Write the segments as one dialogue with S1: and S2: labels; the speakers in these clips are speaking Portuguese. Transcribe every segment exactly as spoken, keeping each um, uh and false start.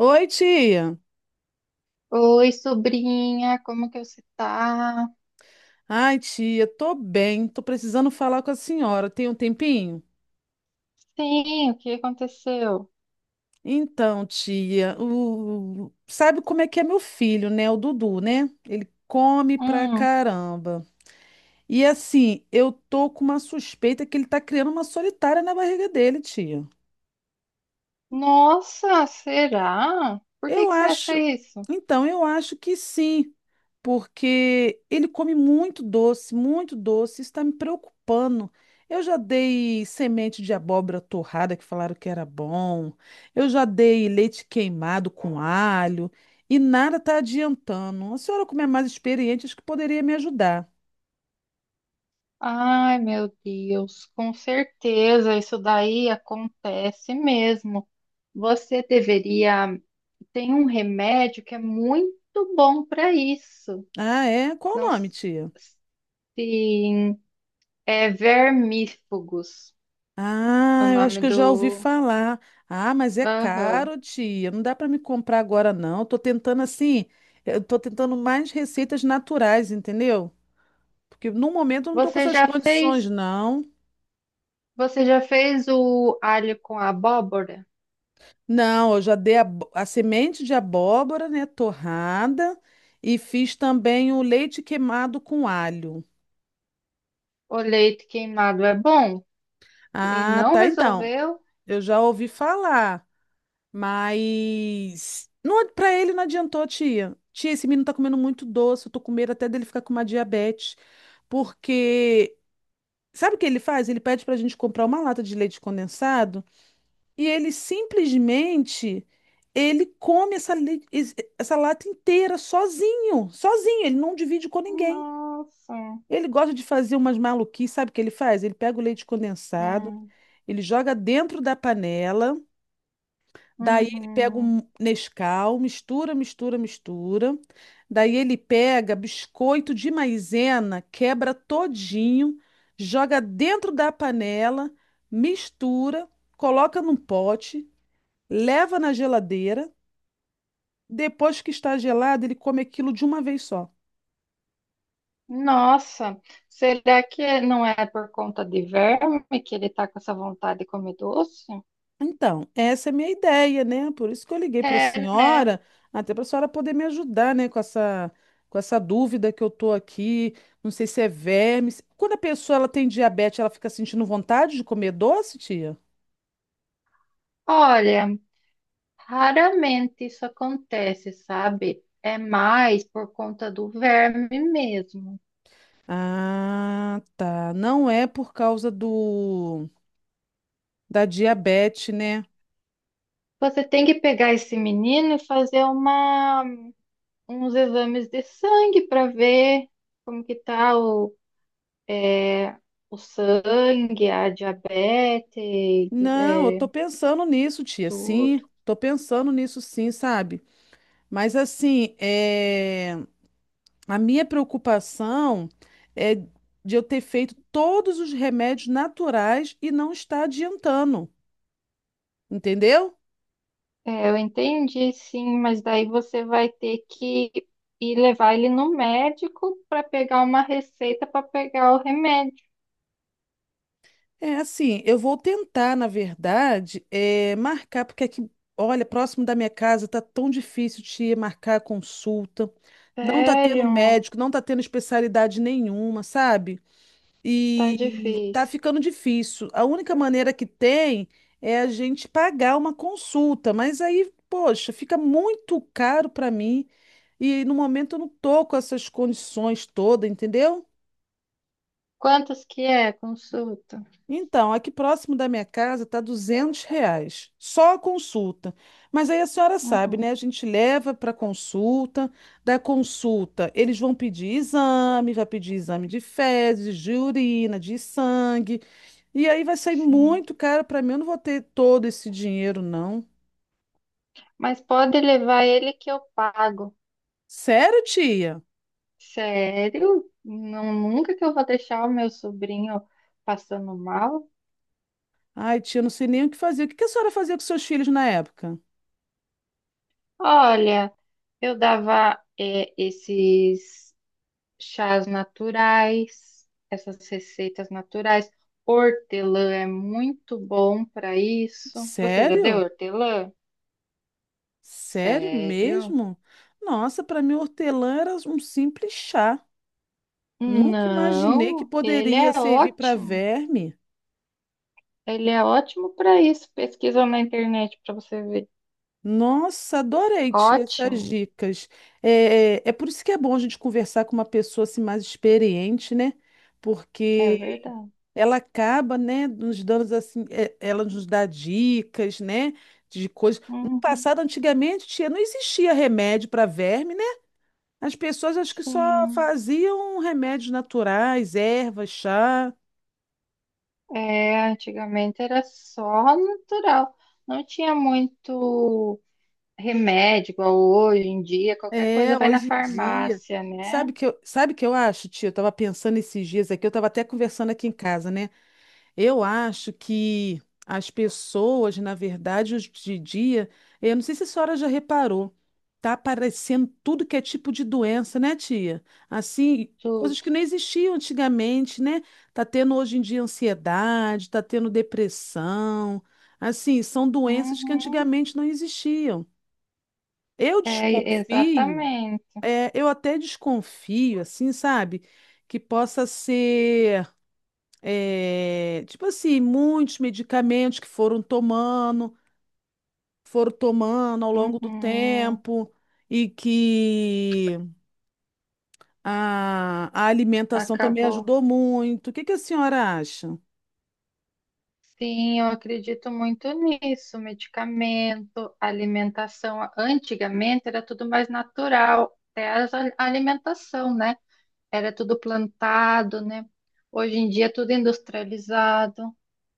S1: Oi, tia.
S2: Oi, sobrinha, como que você tá?
S1: Ai, tia, tô bem, tô precisando falar com a senhora. Tem um tempinho?
S2: Sim, o que aconteceu?
S1: Então, tia, o... sabe como é que é meu filho, né? O Dudu, né? Ele come pra
S2: Hum,
S1: caramba. E assim, eu tô com uma suspeita que ele tá criando uma solitária na barriga dele, tia.
S2: nossa, será? Por que
S1: Eu
S2: que você acha
S1: acho,
S2: isso?
S1: então, eu acho que sim, porque ele come muito doce, muito doce, isso está me preocupando. Eu já dei semente de abóbora torrada, que falaram que era bom, eu já dei leite queimado com alho, e nada está adiantando. A senhora, como é mais experiente, acho que poderia me ajudar.
S2: Ai, meu Deus, com certeza isso daí acontece mesmo. Você deveria tem um remédio que é muito bom para isso.
S1: Ah, é? Qual
S2: Não,
S1: o nome, tia?
S2: sim, é vermífugos, o
S1: Ah, eu acho
S2: nome
S1: que eu já ouvi
S2: do.
S1: falar. Ah, mas é
S2: Aham.
S1: caro, tia. Não dá para me comprar agora, não. Tô tentando assim, eu tô tentando mais receitas naturais, entendeu? Porque no momento eu não tô com
S2: Você
S1: essas
S2: já
S1: condições,
S2: fez?
S1: não.
S2: Você já fez o alho com abóbora?
S1: Não, eu já dei a, abó- a semente de abóbora, né, torrada, e fiz também o leite queimado com alho.
S2: O leite queimado é bom? E
S1: Ah,
S2: não
S1: tá, então.
S2: resolveu?
S1: Eu já ouvi falar. Mas não, ad- pra ele não adiantou, tia. Tia, esse menino tá comendo muito doce, eu tô com medo até dele ficar com uma diabetes, porque sabe o que ele faz? Ele pede pra gente comprar uma lata de leite condensado e ele simplesmente ele come essa, le- es- essa lata inteira sozinho, sozinho, ele não divide com ninguém.
S2: Nossa.
S1: Ele gosta de fazer umas maluquices, sabe o que ele faz? Ele pega o leite condensado,
S2: Hum,
S1: ele joga dentro da panela. Daí ele pega
S2: uhum.
S1: um Nescau, mistura, mistura, mistura. Daí ele pega biscoito de maisena, quebra todinho, joga dentro da panela, mistura, coloca num pote, leva na geladeira. Depois que está gelado, ele come aquilo de uma vez só.
S2: Nossa. Será que não é por conta de verme que ele tá com essa vontade de comer doce?
S1: Então, essa é a minha ideia, né? Por isso que eu liguei para a
S2: É, né?
S1: senhora, até para a senhora poder me ajudar, né, com essa, com essa dúvida que eu tô aqui. Não sei se é verme. se- Quando a pessoa ela tem diabetes, ela fica sentindo vontade de comer doce, tia?
S2: Olha, raramente isso acontece, sabe? É mais por conta do verme mesmo.
S1: Ah, tá. Não é por causa do da diabetes, né?
S2: Você tem que pegar esse menino e fazer uma uns exames de sangue para ver como que tá o, é, o sangue, a diabetes,
S1: Não, eu tô
S2: é,
S1: pensando nisso, tia.
S2: tudo.
S1: Sim, tô pensando nisso, sim, sabe? Mas assim, é. A minha preocupação é de eu ter feito todos os remédios naturais e não estar adiantando, entendeu?
S2: É, eu entendi, sim, mas daí você vai ter que ir levar ele no médico para pegar uma receita para pegar o remédio.
S1: É assim, eu vou tentar, na verdade, é, marcar, porque aqui, olha, próximo da minha casa tá tão difícil de marcar consulta, não tá tendo
S2: Sério,
S1: médico, não tá tendo especialidade nenhuma, sabe?
S2: tá
S1: E tá
S2: difícil.
S1: ficando difícil. A única maneira que tem é a gente pagar uma consulta, mas aí, poxa, fica muito caro para mim e no momento eu não tô com essas condições todas, entendeu?
S2: Quantos que é a consulta?
S1: Então, aqui próximo da minha casa tá duzentos reais, só a consulta. Mas aí a senhora sabe,
S2: Uhum,
S1: né? A gente leva para consulta, da consulta eles vão pedir exame, vai pedir exame de fezes, de urina, de sangue. E aí vai sair
S2: sim.
S1: muito caro para mim. Eu não vou ter todo esse dinheiro, não.
S2: Mas pode levar ele que eu pago.
S1: Sério, tia?
S2: Sério? Não, nunca que eu vou deixar o meu sobrinho passando mal?
S1: Ai, tia, não sei nem o que fazer. O que que a senhora fazia com seus filhos na época?
S2: Olha, eu dava é, esses chás naturais, essas receitas naturais. Hortelã é muito bom para isso. Você já deu
S1: Sério?
S2: hortelã?
S1: Sério
S2: Sério?
S1: mesmo? Nossa, para mim, hortelã era um simples chá. Nunca imaginei que
S2: Não, ele
S1: poderia
S2: é
S1: servir para
S2: ótimo.
S1: verme.
S2: Ele é ótimo para isso. Pesquisa na internet para você ver.
S1: Nossa, adorei, tia, essas
S2: Ótimo,
S1: dicas. É, é é por isso que é bom a gente conversar com uma pessoa assim, mais experiente, né?
S2: é
S1: Porque
S2: verdade.
S1: ela acaba, né, nos dando assim, é, ela nos dá dicas, né, de coisas. No
S2: Uhum,
S1: passado, antigamente, tia, não existia remédio para verme, né? As pessoas acho que só
S2: sim.
S1: faziam remédios naturais, ervas, chá.
S2: É, antigamente era só natural. Não tinha muito remédio, igual hoje em dia, qualquer coisa
S1: É,
S2: vai na
S1: hoje em dia.
S2: farmácia, né?
S1: Sabe que eu, sabe que eu acho, tia? Eu estava pensando esses dias aqui, eu estava até conversando aqui em casa, né? Eu acho que as pessoas, na verdade, hoje em dia, eh, eu não sei se a senhora já reparou, tá aparecendo tudo que é tipo de doença, né, tia? Assim,
S2: Tudo.
S1: coisas que não existiam antigamente, né? Tá tendo hoje em dia ansiedade, tá tendo depressão. Assim, são doenças que
S2: Uhum.
S1: antigamente não existiam. Eu
S2: É,
S1: desconfio,
S2: exatamente.
S1: é, eu até desconfio, assim, sabe? Que possa ser. É, tipo assim, muitos medicamentos que foram tomando, foram tomando ao longo do
S2: Uhum.
S1: tempo, e que a, a alimentação também
S2: Acabou.
S1: ajudou muito. O que que a senhora acha?
S2: Sim, eu acredito muito nisso. Medicamento, alimentação. Antigamente era tudo mais natural, até a a alimentação, né? Era tudo plantado, né? Hoje em dia é tudo industrializado.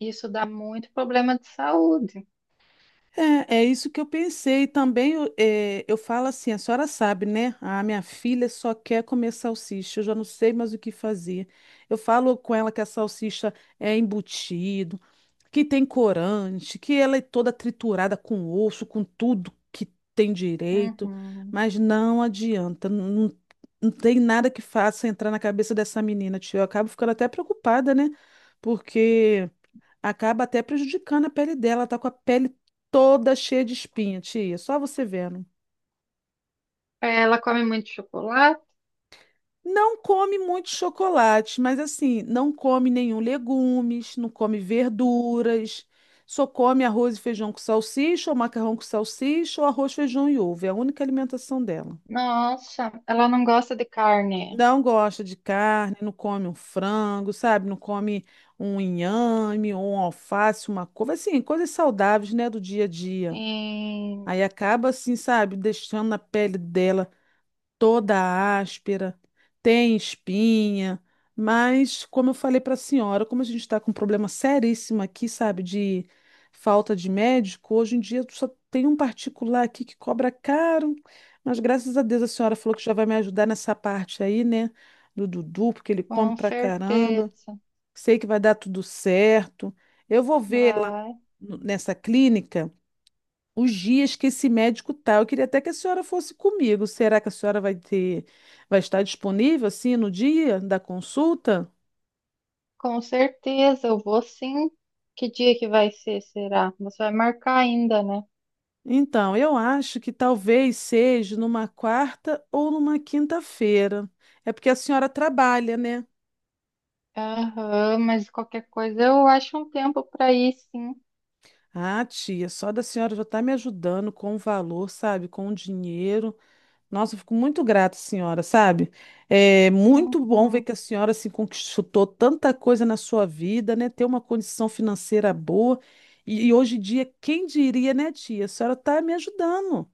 S2: Isso dá muito problema de saúde.
S1: É, é isso que eu pensei também. Eu, é, eu falo assim, a senhora sabe, né? A minha filha só quer comer salsicha, eu já não sei mais o que fazer. Eu falo com ela que a salsicha é embutida que tem corante, que ela é toda triturada com osso, com tudo que tem direito,
S2: Uhum.
S1: mas não adianta, não, não tem nada que faça entrar na cabeça dessa menina, tio. Eu acabo ficando até preocupada, né? Porque acaba até prejudicando a pele dela, ela tá com a pele toda cheia de espinha, tia, só você vendo.
S2: Ela come muito chocolate?
S1: Não come muito chocolate, mas assim, não come nenhum legumes, não come verduras, só come arroz e feijão com salsicha, ou macarrão com salsicha, ou arroz, feijão e ovo. É a única alimentação dela.
S2: Nossa, ela não gosta de carne.
S1: Não gosta de carne, não come um frango, sabe? Não come um inhame, ou um alface, uma couve, assim, coisas saudáveis, né, do dia a dia.
S2: Sim,
S1: Aí acaba assim, sabe, deixando na pele dela toda áspera, tem espinha, mas como eu falei para a senhora, como a gente está com um problema seríssimo aqui, sabe, de falta de médico, hoje em dia só tem um particular aqui que cobra caro, mas graças a Deus a senhora falou que já vai me ajudar nessa parte aí, né, do Dudu, porque ele come
S2: com
S1: pra caramba.
S2: certeza.
S1: Sei que vai dar tudo certo. Eu vou ver lá
S2: Vai.
S1: no- nessa clínica os dias que esse médico tá. Eu queria até que a senhora fosse comigo. Será que a senhora vai ter, vai estar disponível assim no dia da consulta?
S2: Com certeza, eu vou sim. Que dia que vai ser, será? Você vai marcar ainda, né?
S1: Então, eu acho que talvez seja numa quarta ou numa quinta-feira. É porque a senhora trabalha, né?
S2: Aham, mas qualquer coisa eu acho um tempo para ir, sim.
S1: Ah, tia, só da senhora já está me ajudando com o valor, sabe? Com o dinheiro. Nossa, eu fico muito grata, senhora, sabe? É muito bom ver
S2: Uhum.
S1: que a senhora se conquistou tanta coisa na sua vida, né? Ter uma condição financeira boa. E, e hoje em dia, quem diria, né, tia? A senhora tá me ajudando.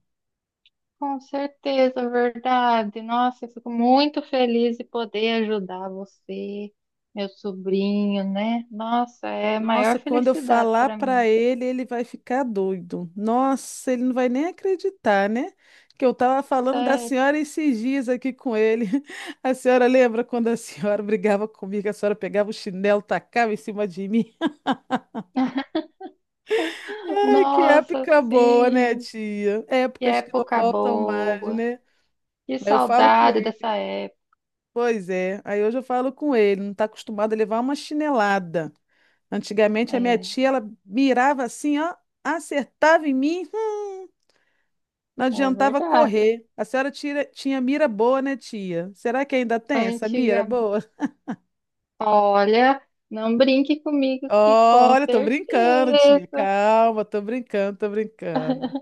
S2: Com certeza, verdade. Nossa, eu fico muito feliz de poder ajudar você, meu sobrinho, né? Nossa, é a
S1: Nossa,
S2: maior
S1: quando eu
S2: felicidade
S1: falar
S2: para
S1: para
S2: mim.
S1: ele, ele vai ficar doido. Nossa, ele não vai nem acreditar, né? Que eu tava falando da
S2: Sério.
S1: senhora esses dias aqui com ele. A senhora lembra quando a senhora brigava comigo, a senhora pegava o chinelo, tacava em cima de mim? Ai, que
S2: Nossa,
S1: época boa, né,
S2: sim,
S1: tia?
S2: que
S1: Épocas que não
S2: época
S1: voltam mais,
S2: boa.
S1: né?
S2: Que
S1: Aí eu falo com
S2: saudade
S1: ele,
S2: dessa época.
S1: pois é. Aí hoje eu falo com ele, não está acostumado a levar uma chinelada. Antigamente a minha
S2: É,
S1: tia, ela mirava assim, ó, acertava em mim, hum, não
S2: é
S1: adiantava
S2: verdade.
S1: correr. A senhora tira- tinha mira boa, né, tia? Será que ainda tem essa mira
S2: Antigamente,
S1: boa?
S2: olha, não brinque comigo que com
S1: Olha, tô brincando, tia.
S2: certeza,
S1: Calma, tô brincando, tô brincando.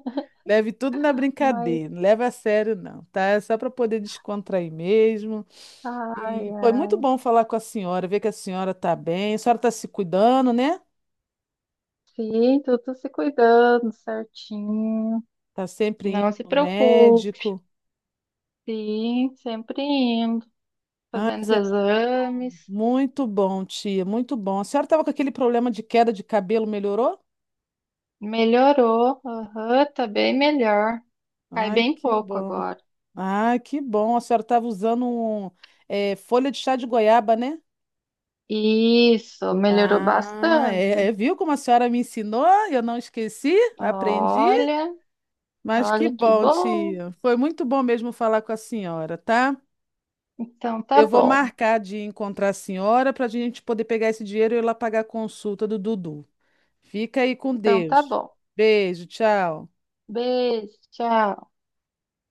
S1: Leve tudo na
S2: mas
S1: brincadeira, não leva a sério não, tá? É só para poder descontrair mesmo.
S2: ai,
S1: E foi muito
S2: ai.
S1: bom falar com a senhora, ver que a senhora tá bem. A senhora tá se cuidando, né?
S2: Sim, tudo se cuidando certinho.
S1: Tá sempre indo
S2: Não se
S1: no
S2: preocupe,
S1: médico.
S2: sim, sempre indo,
S1: Ah,
S2: fazendo os
S1: isso é muito bom.
S2: exames.
S1: Muito bom, tia, muito bom. A senhora tava com aquele problema de queda de cabelo, melhorou?
S2: Melhorou, aham, tá bem melhor. Cai
S1: Ai,
S2: bem
S1: que
S2: pouco
S1: bom.
S2: agora.
S1: Ai, que bom. A senhora tava usando um, eh, folha de chá de goiaba, né?
S2: Isso, melhorou
S1: Ah, é, é,
S2: bastante.
S1: viu como a senhora me ensinou? Eu não esqueci, aprendi,
S2: Olha,
S1: mas que
S2: olha que
S1: bom,
S2: bom.
S1: tia. Foi muito bom mesmo falar com a senhora, tá?
S2: Então tá
S1: Eu vou
S2: bom,
S1: marcar de encontrar a senhora para a gente poder pegar esse dinheiro e ir lá pagar a consulta do Dudu. Fica aí com
S2: então tá
S1: Deus.
S2: bom.
S1: Beijo, tchau.
S2: Beijo, tchau.